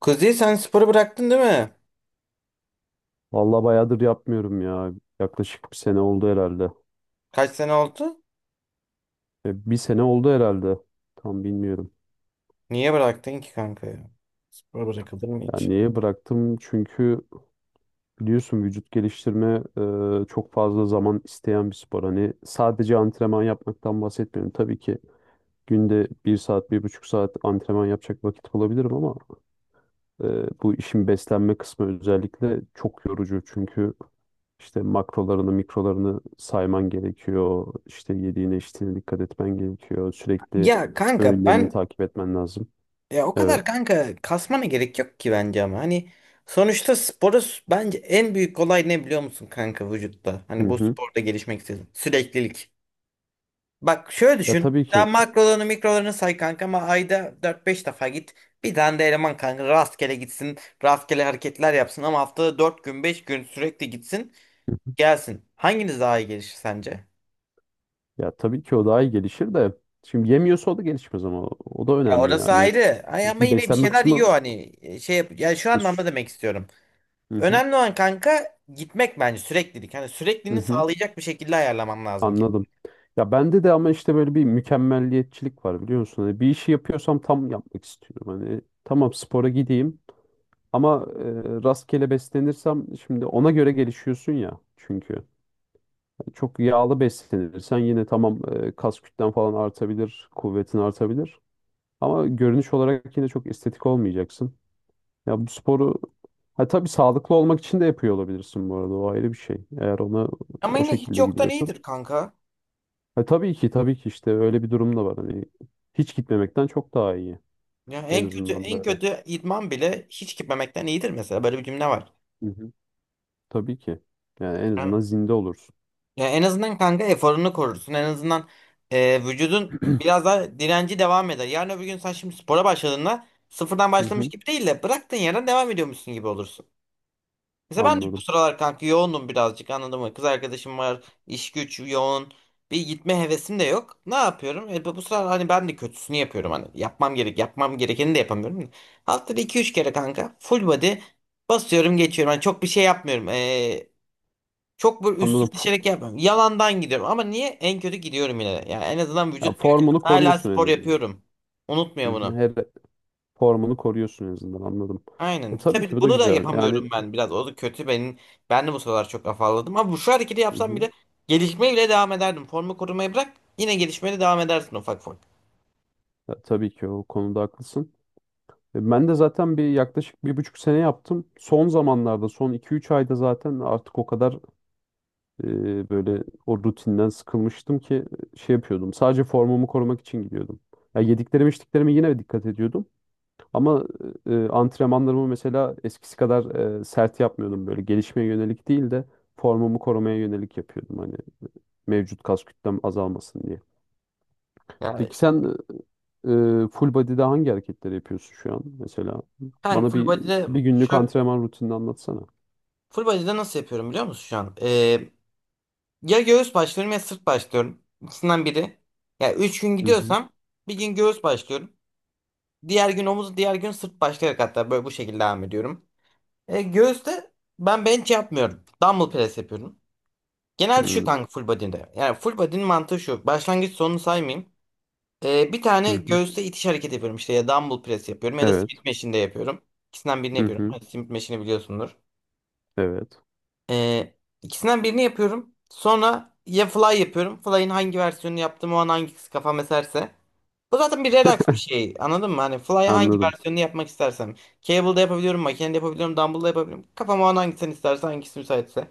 Kuzey sen sporu bıraktın değil mi? Vallahi bayağıdır yapmıyorum ya. Yaklaşık bir sene oldu herhalde. Kaç sene oldu? Bir sene oldu herhalde. Tam bilmiyorum. Niye bıraktın ki kanka ya? Spor bırakılır mı Yani hiç? niye bıraktım? Çünkü biliyorsun vücut geliştirme çok fazla zaman isteyen bir spor. Hani sadece antrenman yapmaktan bahsetmiyorum. Tabii ki günde bir saat, bir buçuk saat antrenman yapacak vakit bulabilirim ama Ee, bu işin beslenme kısmı özellikle çok yorucu çünkü işte makrolarını, mikrolarını sayman gerekiyor. İşte yediğine, içtiğine dikkat etmen gerekiyor. Sürekli Ya kanka ben öğünlerini takip etmen lazım. Ya o kadar Evet. kanka kasmana gerek yok ki bence ama hani sonuçta bence en büyük olay ne biliyor musun kanka vücutta? Hı Hani bu hı. sporda gelişmek istedim. Süreklilik. Bak şöyle Ya düşün. tabii ki Sen makrolarını mikrolarını say kanka ama ayda dört beş defa git. Bir tane de eleman kanka rastgele gitsin. Rastgele hareketler yapsın ama haftada 4 gün 5 gün sürekli gitsin. Gelsin. Hanginiz daha iyi gelişir sence? ya tabii ki o daha iyi gelişir de şimdi yemiyorsa o da gelişmez ama o da Ya önemli orası yani. ayrı. Ay ama Şimdi yine bir beslenme şeyler yiyor kısmı hani. Şey yap ya şu e, şu- anlamda demek istiyorum. hı hı, Önemli olan kanka gitmek bence, süreklilik. Hani hı sürekliliğini hı. sağlayacak bir şekilde ayarlamam lazım ki. Anladım. Ya bende de ama işte böyle bir mükemmelliyetçilik var biliyor musun? Hani bir işi yapıyorsam tam yapmak istiyorum. Hani tamam spora gideyim ama rastgele beslenirsem şimdi ona göre gelişiyorsun ya çünkü. Hani, çok yağlı beslenirsen yine tamam kas kütlen falan artabilir, kuvvetin artabilir. Ama görünüş olarak yine çok estetik olmayacaksın. Ya bu sporu ha, tabii sağlıklı olmak için de yapıyor olabilirsin bu arada o ayrı bir şey. Eğer ona Ama o yine hiç şekilde yoktan gidiyorsun. iyidir kanka. Ha, tabii ki tabii ki işte öyle bir durum da var. Hani hiç gitmemekten çok daha iyi. Ya En en kötü azından en böyle. kötü idman bile hiç gitmemekten iyidir mesela, böyle bir cümle var. Hı hı. Tabii ki. Yani en Yani, azından zinde olursun. ya en azından kanka eforunu korursun. En azından vücudun biraz daha direnci devam eder. Yarın öbür gün sen şimdi spora başladığında sıfırdan Hı başlamış hı. gibi değil de bıraktığın yerden devam ediyormuşsun gibi olursun. Mesela ben de bu Anladım. sıralar kanka yoğundum birazcık, anladın mı? Kız arkadaşım var, iş güç yoğun. Bir gitme hevesim de yok. Ne yapıyorum? Bu sıralar hani ben de kötüsünü yapıyorum hani. Yapmam gerek, yapmam gerekeni de yapamıyorum. Haftada iki üç kere kanka full body basıyorum geçiyorum. Hani çok bir şey yapmıyorum. Çok böyle üstüne Anladım. Fo- düşerek yapmıyorum. Yalandan gidiyorum ama niye en kötü gidiyorum yine de. Yani en azından Ya vücut diyor ki formunu hala koruyorsun en spor azından. yapıyorum. Unutmuyor Hı hı. bunu. Formunu koruyorsun en azından, anladım. Aynen. Tabii ki Tabii bu da bunu da güzel. Yani yapamıyorum ben biraz. O da kötü benim. Ben de bu sıralar çok afalladım. Ama bu, şu hareketi hı yapsam hı. bile gelişmeye bile devam ederdim. Formu korumayı bırak, yine gelişmeye de devam edersin ufak ufak. Ya, tabii ki o konuda haklısın. Ben de zaten yaklaşık bir buçuk sene yaptım. Son zamanlarda son iki üç ayda zaten artık o kadar böyle o rutinden sıkılmıştım ki şey yapıyordum. Sadece formumu korumak için gidiyordum. Ya yediklerime içtiklerime yine dikkat ediyordum. Ama antrenmanlarımı mesela eskisi kadar sert yapmıyordum. Böyle gelişmeye yönelik değil de formumu korumaya yönelik yapıyordum. Hani mevcut kas kütlem azalmasın diye. Yani Peki sen full body'de hangi hareketleri yapıyorsun şu an mesela? kanka Bana full bir body'de bir günlük şu antrenman rutinini anlatsana. full body'de nasıl yapıyorum biliyor musun şu an? Ya göğüs başlıyorum ya sırt başlıyorum. İkisinden biri. Ya 3 gün Hı hı. gidiyorsam bir gün göğüs başlıyorum. Diğer gün omuz, diğer gün sırt başlayarak, hatta böyle bu şekilde devam ediyorum. Göğüste ben bench yapmıyorum. Dumbbell press yapıyorum. Genelde şu Hı kanka full body'de. Yani full body'nin mantığı şu. Başlangıç sonunu saymayayım. Bir tane hı. Hı. göğüste itiş hareketi yapıyorum. İşte ya dumbbell press yapıyorum ya da Evet. smith machine'de yapıyorum. İkisinden birini Hı yapıyorum. hı. Hani Smith machine'i biliyorsundur. Evet. E, ikisinden birini yapıyorum. Sonra ya fly yapıyorum. Fly'in hangi versiyonunu yaptığım o an hangisi kafam eserse. Bu zaten bir Redux bir şey. Anladın mı? Hani Fly hangi Anladım. versiyonunu yapmak istersem. Cable'da yapabiliyorum, makinede yapabiliyorum, dumbbell'da yapabiliyorum. Kafama o an hangisini isterse, hangisi müsaitse.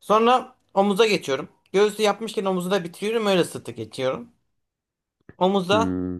Sonra omuza geçiyorum. Göğsü yapmışken omuzu da bitiriyorum. Öyle sırtı geçiyorum. Omuzda Hmm.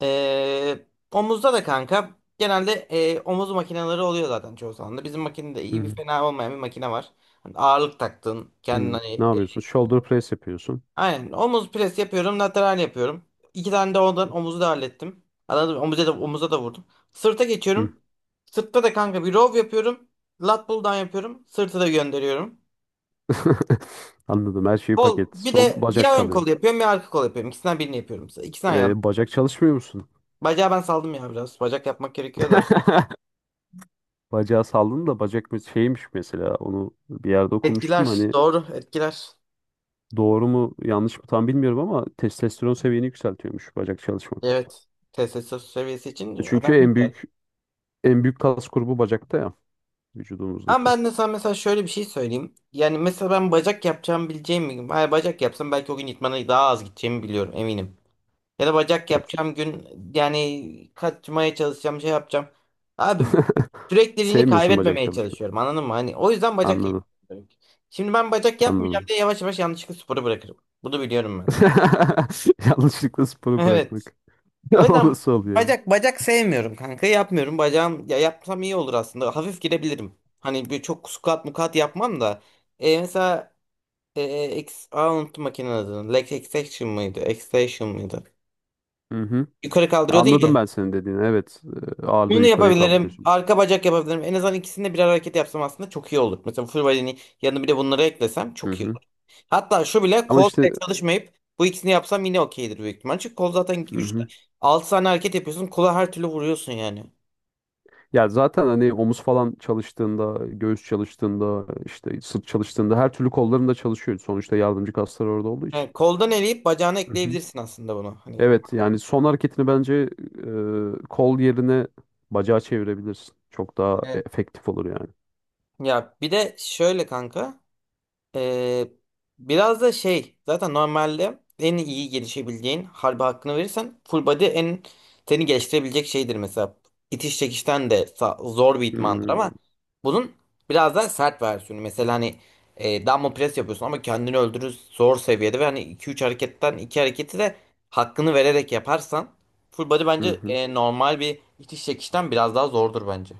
omuzda da kanka genelde omuz makineleri oluyor zaten çoğu zaman da. Bizim makinede Hı iyi bir, hı. fena olmayan bir makine var. Hani ağırlık taktığın, kendini Hı. Ne hani. yapıyorsun? Shoulder press yapıyorsun. Aynen. Omuz pres yapıyorum. Lateral yapıyorum. İki tane de ondan, omuzu da hallettim. Anladım. Omuza da, omuza da vurdum. Sırta Hı. geçiyorum. Sırtta da kanka bir row yapıyorum. Lat pull down yapıyorum. Sırtı da gönderiyorum. Anladım. Her şeyi Kol, paket. bir Son de bacak ya ön kalıyor. kol yapıyorum ya arka kol yapıyorum. İkisinden birini yapıyorum. İkisinden yandım. Bacak çalışmıyor musun? Bacağı ben saldım ya biraz. Bacak yapmak gerekiyor da. Bacağı saldım da bacak mı- Şeymiş mesela. Onu bir yerde okumuştum. Etkiler. Hani Doğru, etkiler. doğru mu yanlış mı tam bilmiyorum ama testosteron seviyeni yükseltiyormuş bacak çalışmak. Evet. TSS seviyesi için önemli Çünkü en bir yer. büyük en büyük kas grubu bacakta ya, Ama vücudumuzdaki. ben de sana mesela şöyle bir şey söyleyeyim. Yani mesela ben bacak yapacağım, bileceğim bir gün. Hayır, bacak yapsam belki o gün idmana daha az gideceğimi biliyorum, eminim. Ya da bacak Ya çünkü- yapacağım gün yani kaçmaya çalışacağım, şey yapacağım. Abi, sürekliliğini Sevmiyorsun bacak kaybetmemeye çalışmayı. çalışıyorum, anladın mı? Hani o yüzden bacak Anladım. yapmıyorum. Şimdi ben bacak yapmayacağım Anladım. diye yavaş yavaş yanlışlıkla sporu bırakırım. Bunu biliyorum ben. Yanlışlıkla sporu Evet. bırakmak. O O yüzden nasıl oluyor? bacak sevmiyorum kanka. Yapmıyorum. Bacağım, ya yapsam iyi olur aslında. Hafif girebilirim. Hani bir çok squat mukat yapmam da. Mesela e, unuttum makinenin adını. Leg extension mıydı? Extension mıydı? Ya? Hı hı. Yukarı kaldırıyordun Anladım ya. ben senin dediğini. Evet, ağırlığı Bunu yukarıya yapabilirim. kaldırıyorsun. Arka bacak yapabilirim. En azından ikisinde birer hareket yapsam aslında çok iyi olur. Mesela full body'nin yanına bir de bunları eklesem Hı çok iyi hı. olur. Hatta şu bile, Ama kol işte pek çalışmayıp bu ikisini yapsam yine okeydir büyük ihtimal. Çünkü kol zaten hı 3 hı. 6 tane hareket yapıyorsun. Kola her türlü vuruyorsun yani. Ya zaten hani omuz falan çalıştığında, göğüs çalıştığında, işte sırt çalıştığında her türlü kolların da çalışıyor. Sonuçta yardımcı kaslar orada olduğu için. Yani koldan eleyip bacağına Hı hı. ekleyebilirsin aslında bunu. Hani. Evet yani son hareketini bence kol yerine bacağı çevirebilirsin. Çok daha Evet. efektif olur yani. Ya bir de şöyle kanka. Ee, Biraz da şey, zaten normalde en iyi gelişebileceğin, harbi hakkını verirsen full body en seni geliştirebilecek şeydir mesela. İtiş çekişten de zor bir idmandır ama Hmm. bunun biraz daha sert versiyonu. Mesela hani dumbbell press yapıyorsun ama kendini öldürür zor seviyede ve hani iki üç hareketten 2 hareketi de hakkını vererek yaparsan full body Hı bence hı. Normal bir itiş çekişten biraz daha zordur bence.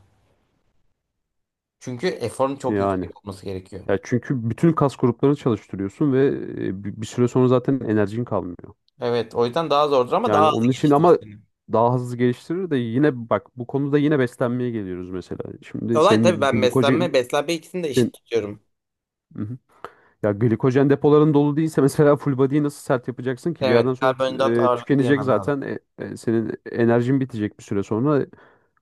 Çünkü eforun çok Yani. yüksek olması gerekiyor. Ya çünkü bütün kas gruplarını çalıştırıyorsun ve bir süre sonra zaten enerjin kalmıyor. Evet, o yüzden daha zordur ama Yani daha hızlı onun için geliştirir ama seni. daha hızlı geliştirir de yine bak bu konuda yine beslenmeye geliyoruz mesela. Şimdi Olay tabii, senin ben glikojen beslenme ikisini de sen- eşit tutuyorum. hı hı. Ya glikojen depoların dolu değilse mesela full body'yi nasıl sert yapacaksın ki? Bir yerden Evet, sonra karbonhidrat ağırlıklı tükenecek yemen lazım. zaten. Senin enerjin bitecek bir süre sonra.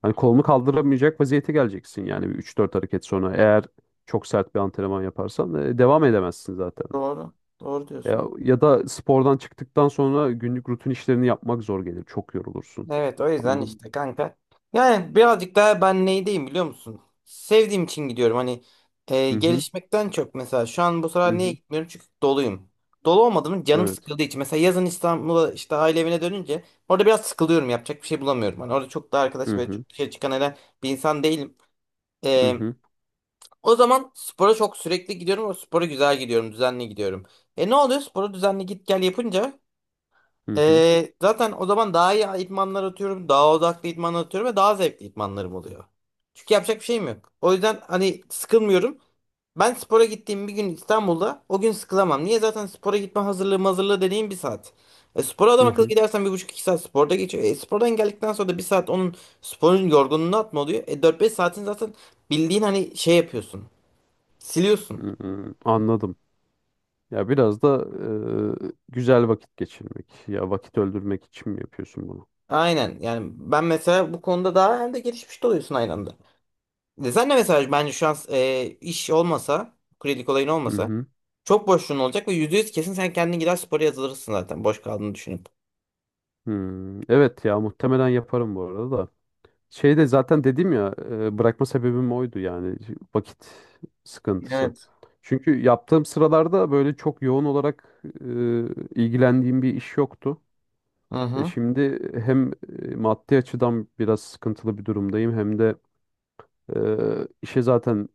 Hani kolunu kaldıramayacak vaziyete geleceksin yani bir 3-4 hareket sonra. Eğer çok sert bir antrenman yaparsan devam edemezsin zaten. Doğru, doğru Ya, diyorsun. ya da spordan çıktıktan sonra günlük rutin işlerini yapmak zor gelir. Çok yorulursun. Evet, o yüzden Anladın mı? işte kanka. Yani birazcık daha ben neydeyim biliyor musun? Sevdiğim için gidiyorum. Hani Hı hı. gelişmekten çok, mesela şu an bu Hı sıralar niye hı. gitmiyorum? Çünkü doluyum. Dolu olmadığım, canım Evet. sıkıldığı için. Mesela yazın İstanbul'a işte aile evine dönünce orada biraz sıkılıyorum. Yapacak bir şey bulamıyorum. Hani orada çok da arkadaş Hı ve hı. çok dışarı çıkan eden bir insan değilim. Hı E, hı. O zaman spora çok sürekli gidiyorum ve spora güzel gidiyorum, düzenli gidiyorum. Ne oluyor? Spora düzenli git gel yapınca Hı hı. Zaten o zaman daha iyi idmanlar atıyorum, daha odaklı idmanlar atıyorum ve daha zevkli idmanlarım oluyor. Çünkü yapacak bir şeyim yok. O yüzden hani sıkılmıyorum. Ben spora gittiğim bir gün İstanbul'da o gün sıkılamam. Niye? Zaten spora gitme hazırlığı dediğim bir saat. Spora adam Hı akıllı hı. gidersen bir buçuk iki saat sporda geçiyor. Spordan geldikten sonra da bir saat onun, sporun yorgunluğunu atma oluyor. Dört beş saatin zaten, bildiğin hani şey yapıyorsun. Siliyorsun. Hı hı. Anladım. Ya biraz da güzel vakit geçirmek. Ya vakit öldürmek için mi yapıyorsun bunu? Aynen. Yani ben mesela bu konuda, daha hem de gelişmiş de oluyorsun aynı anda. Sen de mesela bence şu an iş olmasa, kredi olayın Hı olmasa hı. çok boşluğun olacak ve %100 kesin sen kendin gider spora yazılırsın zaten, boş kaldığını düşünüp. Hmm. Evet ya muhtemelen yaparım bu arada da. Şeyde zaten dedim ya bırakma sebebim oydu yani vakit sıkıntısı. Evet. Çünkü yaptığım sıralarda böyle çok yoğun olarak ilgilendiğim bir iş yoktu. Hı E hı. şimdi hem maddi açıdan biraz sıkıntılı bir durumdayım hem de işe zaten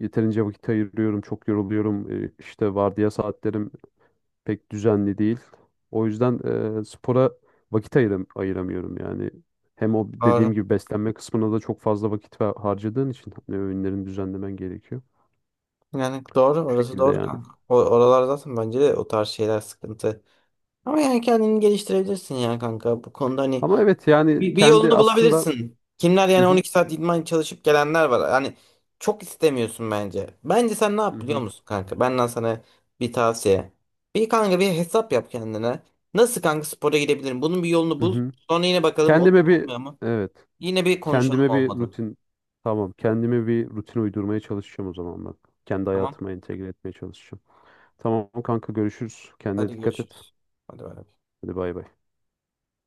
yeterince vakit ayırıyorum, çok yoruluyorum. İşte vardiya saatlerim pek düzenli değil. O yüzden spora vakit ayıramıyorum yani. Hem o dediğim Doğru. gibi beslenme kısmına da çok fazla vakit harcadığın için hani öğünlerini düzenlemen gerekiyor. Yani doğru. Bu Orası şekilde doğru yani. kanka. Oralar zaten bence de o tarz şeyler sıkıntı. Ama yani kendini geliştirebilirsin ya kanka. Bu konuda hani Ama evet yani bir kendi yolunu aslında bulabilirsin. Kimler, hı yani hı, 12 saat idman çalışıp gelenler var. Yani çok istemiyorsun bence. Bence sen ne hı yap biliyor hı, musun kanka? Benden sana bir tavsiye. Bir kanka, bir hesap yap kendine. Nasıl kanka spora gidebilirim? Bunun bir yolunu hı bul. hı. Sonra yine bakalım oluyor mu, Kendime bir olmuyor mu? evet Yine bir konuşalım kendime bir olmadı. rutin tamam Kendime bir rutin uydurmaya çalışacağım o zaman ben. Kendi Tamam. hayatıma entegre etmeye çalışacağım. Tamam kanka görüşürüz. Kendine Hadi dikkat et. görüşürüz. Hadi bay bay. Hadi bay bay.